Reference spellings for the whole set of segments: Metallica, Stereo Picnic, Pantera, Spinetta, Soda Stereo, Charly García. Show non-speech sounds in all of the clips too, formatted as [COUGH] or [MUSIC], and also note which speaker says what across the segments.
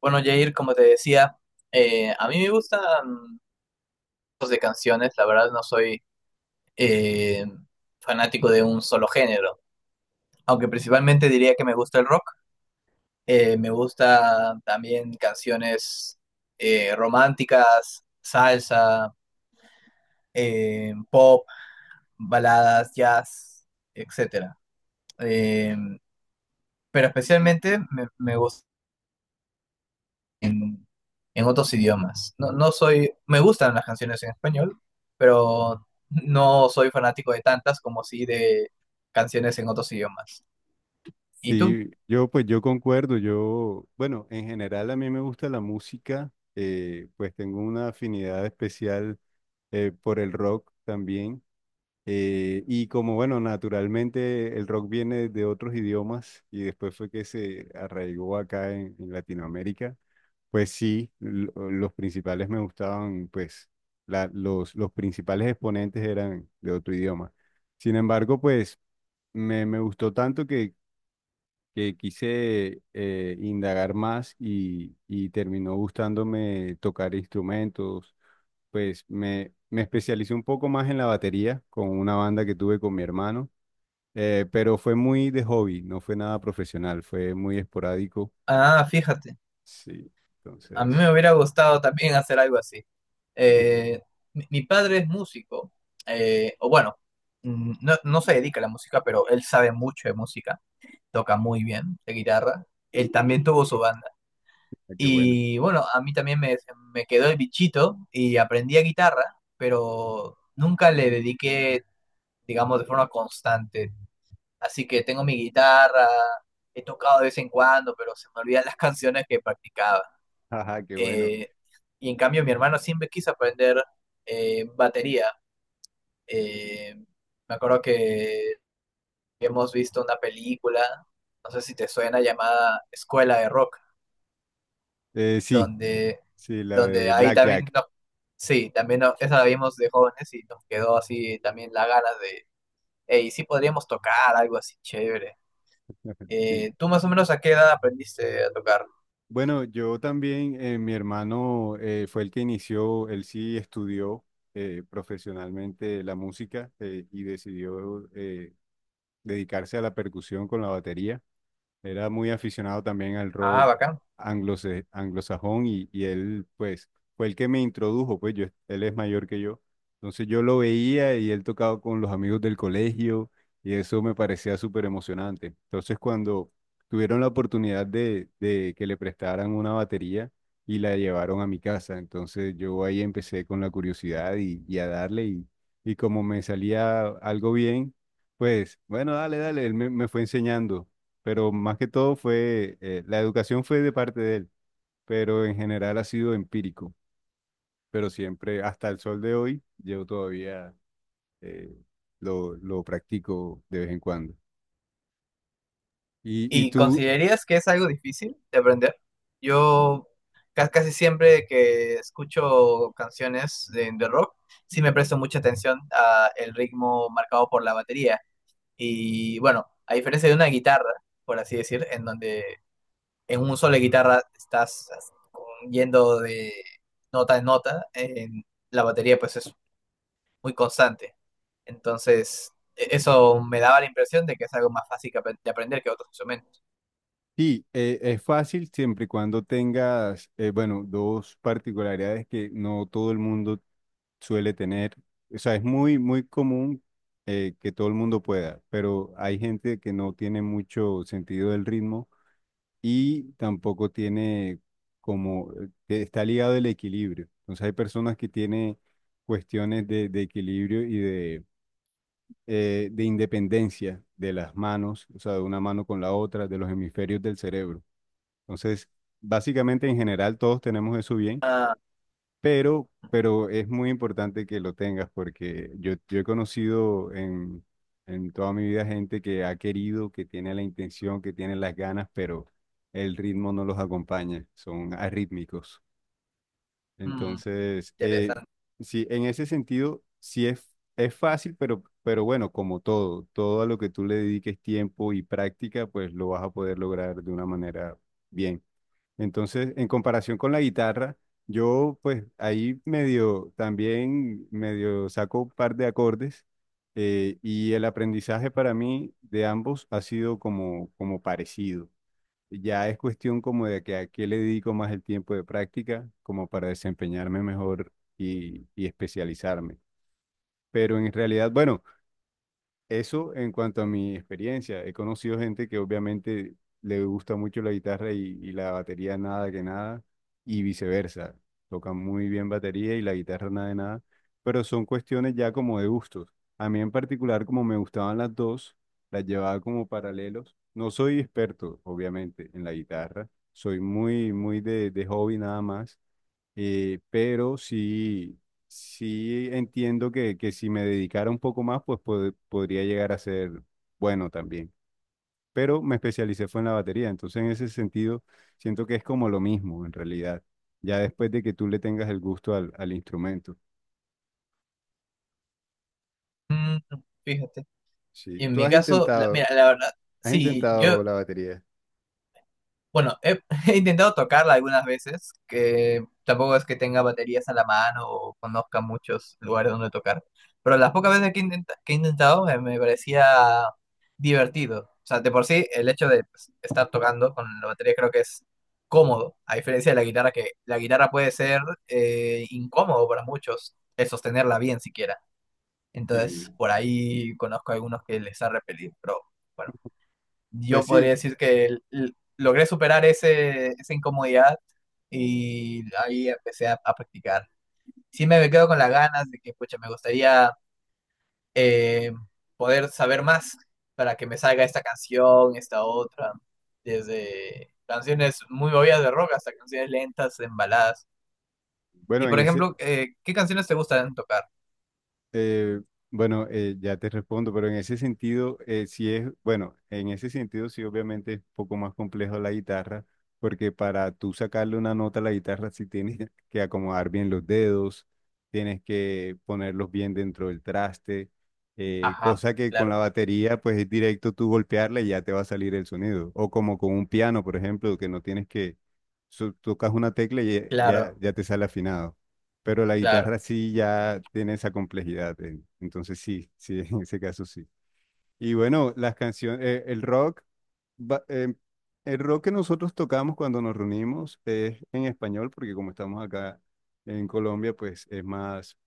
Speaker 1: Bueno, Jair, como te decía, a mí me gustan tipos de canciones. La verdad no soy eh, fanático de un solo género, aunque principalmente diría que me gusta el rock. Me gusta también canciones románticas, salsa, pop, baladas, jazz, etcétera. Eh, pero especialmente me gusta en, en otros idiomas. No soy, me gustan las canciones en español, pero no soy fanático de tantas como sí de canciones en otros idiomas. ¿Y tú?
Speaker 2: Sí, yo pues yo concuerdo. Yo, bueno, en general a mí me gusta la música, pues tengo una afinidad especial por el rock también, y como bueno, naturalmente el rock viene de otros idiomas y después fue que se arraigó acá en Latinoamérica. Pues sí, los principales me gustaban. Pues los principales exponentes eran de otro idioma. Sin embargo, pues me gustó tanto que quise indagar más y terminó gustándome tocar instrumentos. Pues me especialicé un poco más en la batería con una banda que tuve con mi hermano. Pero fue muy de hobby, no fue nada profesional, fue muy esporádico.
Speaker 1: Ah, fíjate,
Speaker 2: Sí,
Speaker 1: a mí
Speaker 2: entonces,
Speaker 1: me hubiera gustado también hacer algo así. Eh, mi padre es músico, o bueno, mm, no se dedica a la música, pero él sabe mucho de música, toca muy bien de guitarra. Él también tuvo su banda.
Speaker 2: ah, qué bueno.
Speaker 1: Y bueno, a mí también me quedó el bichito y aprendí a guitarra, pero nunca le dediqué, digamos, de forma constante. Así que tengo mi guitarra, he tocado de vez en cuando, pero se me olvidan [LAUGHS] las canciones que practicaba.
Speaker 2: [LAUGHS] Ajá, qué bueno.
Speaker 1: Eh, y en cambio mi hermano siempre quiso aprender batería. Eh, Me acuerdo que hemos visto una película, no sé si te suena, llamada Escuela de Rock,
Speaker 2: Sí.
Speaker 1: donde
Speaker 2: Sí, la
Speaker 1: donde
Speaker 2: de
Speaker 1: ahí también
Speaker 2: Blackjack.
Speaker 1: sí, también esa la vimos de jóvenes y nos quedó así también la ganas de, hey, sí podríamos tocar algo así chévere.
Speaker 2: [LAUGHS] Sí.
Speaker 1: ¿Tú más o menos a qué edad aprendiste a tocar?
Speaker 2: Bueno, yo también, mi hermano fue el que inició. Él sí estudió profesionalmente la música, y decidió dedicarse a la percusión con la batería. Era muy aficionado también al
Speaker 1: Ah,
Speaker 2: rock
Speaker 1: bacán.
Speaker 2: anglosajón, y él, pues, fue el que me introdujo. Pues yo, él es mayor que yo. Entonces yo lo veía y él tocaba con los amigos del colegio y eso me parecía súper emocionante. Entonces cuando tuvieron la oportunidad de que le prestaran una batería y la llevaron a mi casa, entonces yo ahí empecé con la curiosidad y a darle, y como me salía algo bien, pues bueno, dale, dale, él me fue enseñando, pero más que todo fue, la educación fue de parte de él, pero en general ha sido empírico. Pero siempre, hasta el sol de hoy, yo todavía eh, lo practico de vez en cuando. Y
Speaker 1: ¿Y
Speaker 2: tú,
Speaker 1: considerarías que es algo difícil de aprender? Yo casi siempre que escucho canciones de rock, sí me presto mucha atención a el ritmo marcado por la batería. Y bueno, a diferencia de una guitarra, por así decir, en donde en un solo de guitarra estás yendo de nota en nota, en la batería pues es muy constante. Entonces, eso me daba la impresión de que es algo más fácil que de aprender que otros instrumentos.
Speaker 2: sí, es fácil siempre y cuando tengas, bueno, dos particularidades que no todo el mundo suele tener. O sea, es muy, muy común que todo el mundo pueda, pero hay gente que no tiene mucho sentido del ritmo y tampoco tiene como, está ligado el equilibrio. Entonces hay personas que tienen cuestiones de equilibrio y de independencia de las manos, o sea, de una mano con la otra, de los hemisferios del cerebro. Entonces, básicamente en general todos tenemos eso bien,
Speaker 1: Ah,
Speaker 2: pero es muy importante que lo tengas porque yo he conocido en toda mi vida gente que ha querido, que tiene la intención, que tiene las ganas, pero el ritmo no los acompaña, son arrítmicos.
Speaker 1: mm,
Speaker 2: Entonces,
Speaker 1: interesante.
Speaker 2: sí, en ese sentido, sí es fácil, pero bueno, como todo, todo a lo que tú le dediques tiempo y práctica, pues lo vas a poder lograr de una manera bien. Entonces, en comparación con la guitarra, yo pues ahí medio, también medio saco un par de acordes, y el aprendizaje para mí de ambos ha sido como, como parecido. Ya es cuestión como de que a qué le dedico más el tiempo de práctica, como para desempeñarme mejor y especializarme. Pero en realidad, bueno. Eso en cuanto a mi experiencia. He conocido gente que obviamente le gusta mucho la guitarra y la batería nada que nada, y viceversa. Tocan muy bien batería y la guitarra nada de nada, pero son cuestiones ya como de gustos. A mí en particular, como me gustaban las dos, las llevaba como paralelos. No soy experto, obviamente, en la guitarra. Soy muy, muy de hobby nada más, pero sí, sí entiendo que si me dedicara un poco más, pues podría llegar a ser bueno también. Pero me especialicé fue en la batería, entonces en ese sentido siento que es como lo mismo en realidad, ya después de que tú le tengas el gusto al, al instrumento.
Speaker 1: Mm, fíjate.
Speaker 2: Sí,
Speaker 1: En
Speaker 2: tú
Speaker 1: mi caso, mira, la verdad,
Speaker 2: has
Speaker 1: sí, yo...
Speaker 2: intentado la batería.
Speaker 1: Bueno, [LAUGHS] he intentado tocarla algunas veces, que tampoco es que tenga baterías a la mano o conozca muchos lugares donde tocar, pero las pocas veces que, que he intentado me parecía divertido. O sea, de por sí, el hecho de pues, estar tocando con la batería creo que es cómodo, a diferencia de la guitarra, que la guitarra puede ser incómodo para muchos, el sostenerla bien siquiera. Entonces,
Speaker 2: Sí.
Speaker 1: por ahí conozco a algunos que les ha repelido, pero bueno,
Speaker 2: Pues
Speaker 1: yo podría
Speaker 2: sí,
Speaker 1: decir que logré superar ese, esa incomodidad y ahí empecé a practicar. Sí me quedo con las ganas de que, pucha, me gustaría eh, poder saber más para que me salga esta canción, esta otra, desde canciones muy movidas de rock hasta canciones lentas, en baladas. Y
Speaker 2: bueno, en
Speaker 1: por
Speaker 2: ese,
Speaker 1: ejemplo, ¿qué canciones te gustan tocar?
Speaker 2: Eh, bueno, ya te respondo, pero en ese sentido, sí es, bueno, en ese sentido sí obviamente es un poco más complejo la guitarra, porque para tú sacarle una nota a la guitarra sí tienes [LAUGHS] que acomodar bien los dedos, tienes que ponerlos bien dentro del traste.
Speaker 1: Ajá,
Speaker 2: Cosa que con la
Speaker 1: claro,
Speaker 2: batería pues es directo tú golpearla y ya te va a salir el sonido, o como con un piano, por ejemplo, que no tienes que, tocas una tecla y ya, ya
Speaker 1: claro,
Speaker 2: ya te sale afinado, pero la
Speaker 1: claro.
Speaker 2: guitarra sí ya tiene esa complejidad. Entonces sí, sí, [LAUGHS] en ese caso sí. Y bueno, las canciones, el rock, va- eh, el rock que nosotros tocamos cuando nos reunimos es en español, porque como estamos acá en Colombia, pues es más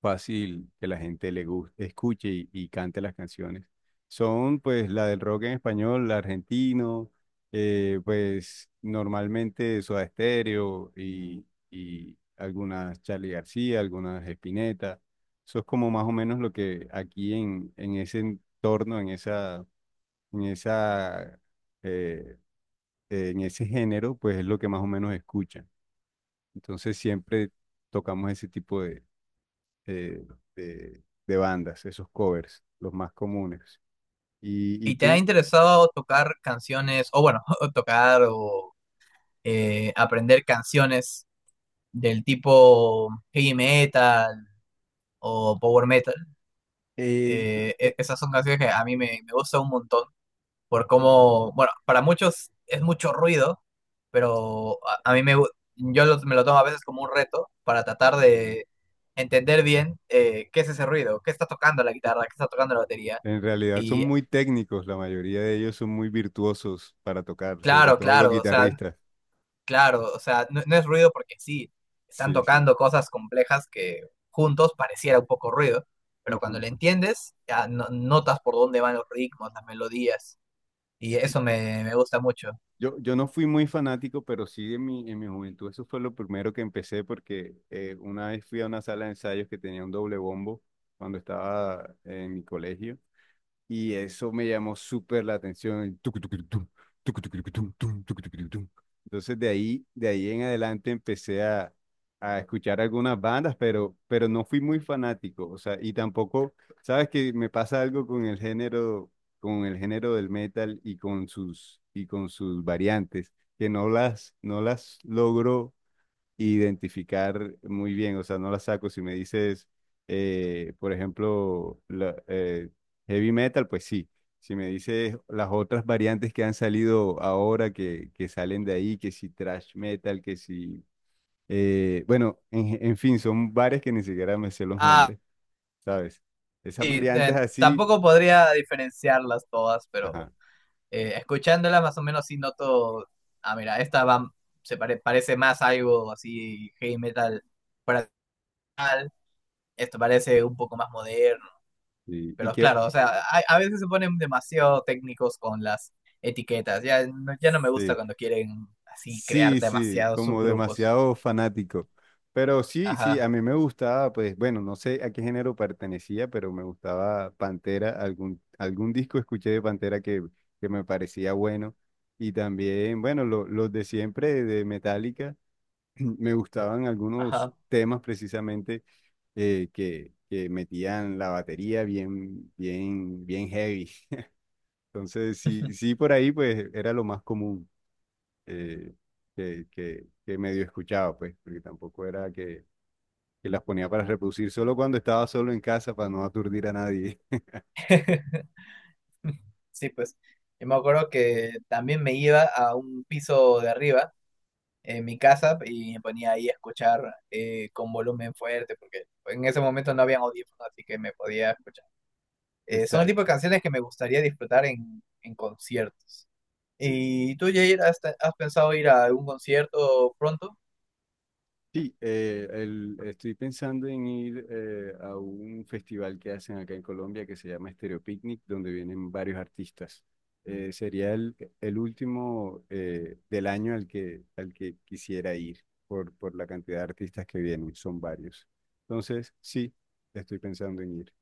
Speaker 2: fácil que la gente le guste, escuche y cante las canciones. Son pues la del rock en español, la argentino, pues normalmente Soda Stereo y algunas Charly García, algunas Spinetta. Eso es como más o menos lo que aquí en ese entorno, en esa, en esa, eh, en ese género, pues es lo que más o menos escuchan. Entonces siempre tocamos ese tipo de eh, de bandas, esos covers, los más comunes. Y
Speaker 1: ¿Y te ha
Speaker 2: tú?
Speaker 1: interesado tocar canciones, o bueno, [LAUGHS] tocar o aprender canciones del tipo heavy metal o power metal?
Speaker 2: Eh, eh,
Speaker 1: Esas son canciones que a mí me gustan un montón por cómo, bueno, para muchos es mucho ruido, pero a mí me, me lo tomo a veces como un reto para tratar de entender bien qué es ese ruido, qué está tocando la guitarra, qué está tocando la batería.
Speaker 2: en realidad son
Speaker 1: Y
Speaker 2: muy técnicos, la mayoría de ellos son muy virtuosos para tocar, sobre
Speaker 1: claro,
Speaker 2: todo los
Speaker 1: claro, o sea,
Speaker 2: guitarristas.
Speaker 1: claro, o sea, no, no es ruido porque sí, están
Speaker 2: Sí, sí.
Speaker 1: tocando cosas complejas que juntos pareciera un poco ruido, pero cuando le
Speaker 2: [LAUGHS]
Speaker 1: entiendes, notas por dónde van los ritmos, las melodías, y eso me gusta mucho.
Speaker 2: Yo no fui muy fanático, pero sí en mi juventud eso fue lo primero que empecé porque una vez fui a una sala de ensayos que tenía un doble bombo cuando estaba en mi colegio. Y eso me llamó súper la atención. El tucutucurutum, tucutucurucutum, tum, tucutucurutum. Entonces de ahí en adelante empecé a escuchar algunas bandas, pero no fui muy fanático. O sea, y tampoco, sabes que me pasa algo con el género del metal y con sus variantes, que no las, no las logro identificar muy bien, o sea, no la saco. Si me dices, por ejemplo, heavy metal, pues sí. Si me dices las otras variantes que han salido ahora, que salen de ahí, que si thrash metal, que si... bueno, en fin, son varias que ni siquiera me sé los
Speaker 1: Ah,
Speaker 2: nombres, ¿sabes? Esas
Speaker 1: sí,
Speaker 2: variantes así,
Speaker 1: tampoco podría diferenciarlas todas, pero
Speaker 2: ajá.
Speaker 1: escuchándolas más o menos sí noto, ah, mira, esta va, parece más algo así heavy metal, para esto parece un poco más moderno.
Speaker 2: Y
Speaker 1: Pero
Speaker 2: que...
Speaker 1: claro, o sea, a veces se ponen demasiado técnicos con las etiquetas. Ya, ya no me gusta
Speaker 2: sí.
Speaker 1: cuando quieren así crear
Speaker 2: Sí, sí,
Speaker 1: demasiados
Speaker 2: como
Speaker 1: subgrupos.
Speaker 2: demasiado fanático. Pero sí, sí,
Speaker 1: Ajá,
Speaker 2: a mí me gustaba, pues bueno, no sé a qué género pertenecía, pero me gustaba Pantera, algún, algún disco escuché de Pantera que me parecía bueno. Y también, bueno, los de siempre de Metallica, [CLEARS THROAT] me gustaban algunos
Speaker 1: ajá.
Speaker 2: temas precisamente que metían la batería bien, bien, bien heavy. Entonces, sí, sí, por ahí pues era lo más común, eh, que medio escuchaba, pues, porque tampoco era que las ponía para reproducir solo cuando estaba solo en casa para no aturdir a nadie.
Speaker 1: [LAUGHS] Sí, pues. Yo me acuerdo que también me iba a un piso de arriba en mi casa y me ponía ahí a escuchar con volumen fuerte, porque en ese momento no habían audífonos, así que me podía escuchar.
Speaker 2: [LAUGHS]
Speaker 1: Son el tipo de
Speaker 2: Exacto.
Speaker 1: canciones que me gustaría disfrutar en conciertos.
Speaker 2: Sí.
Speaker 1: ¿Y tú, Jair, has, has pensado ir a algún concierto pronto?
Speaker 2: Sí, estoy pensando en ir a un festival que hacen acá en Colombia que se llama Stereo Picnic, donde vienen varios artistas. Sería el último del año al que quisiera ir por la cantidad de artistas que vienen, son varios. Entonces, sí, estoy pensando en ir.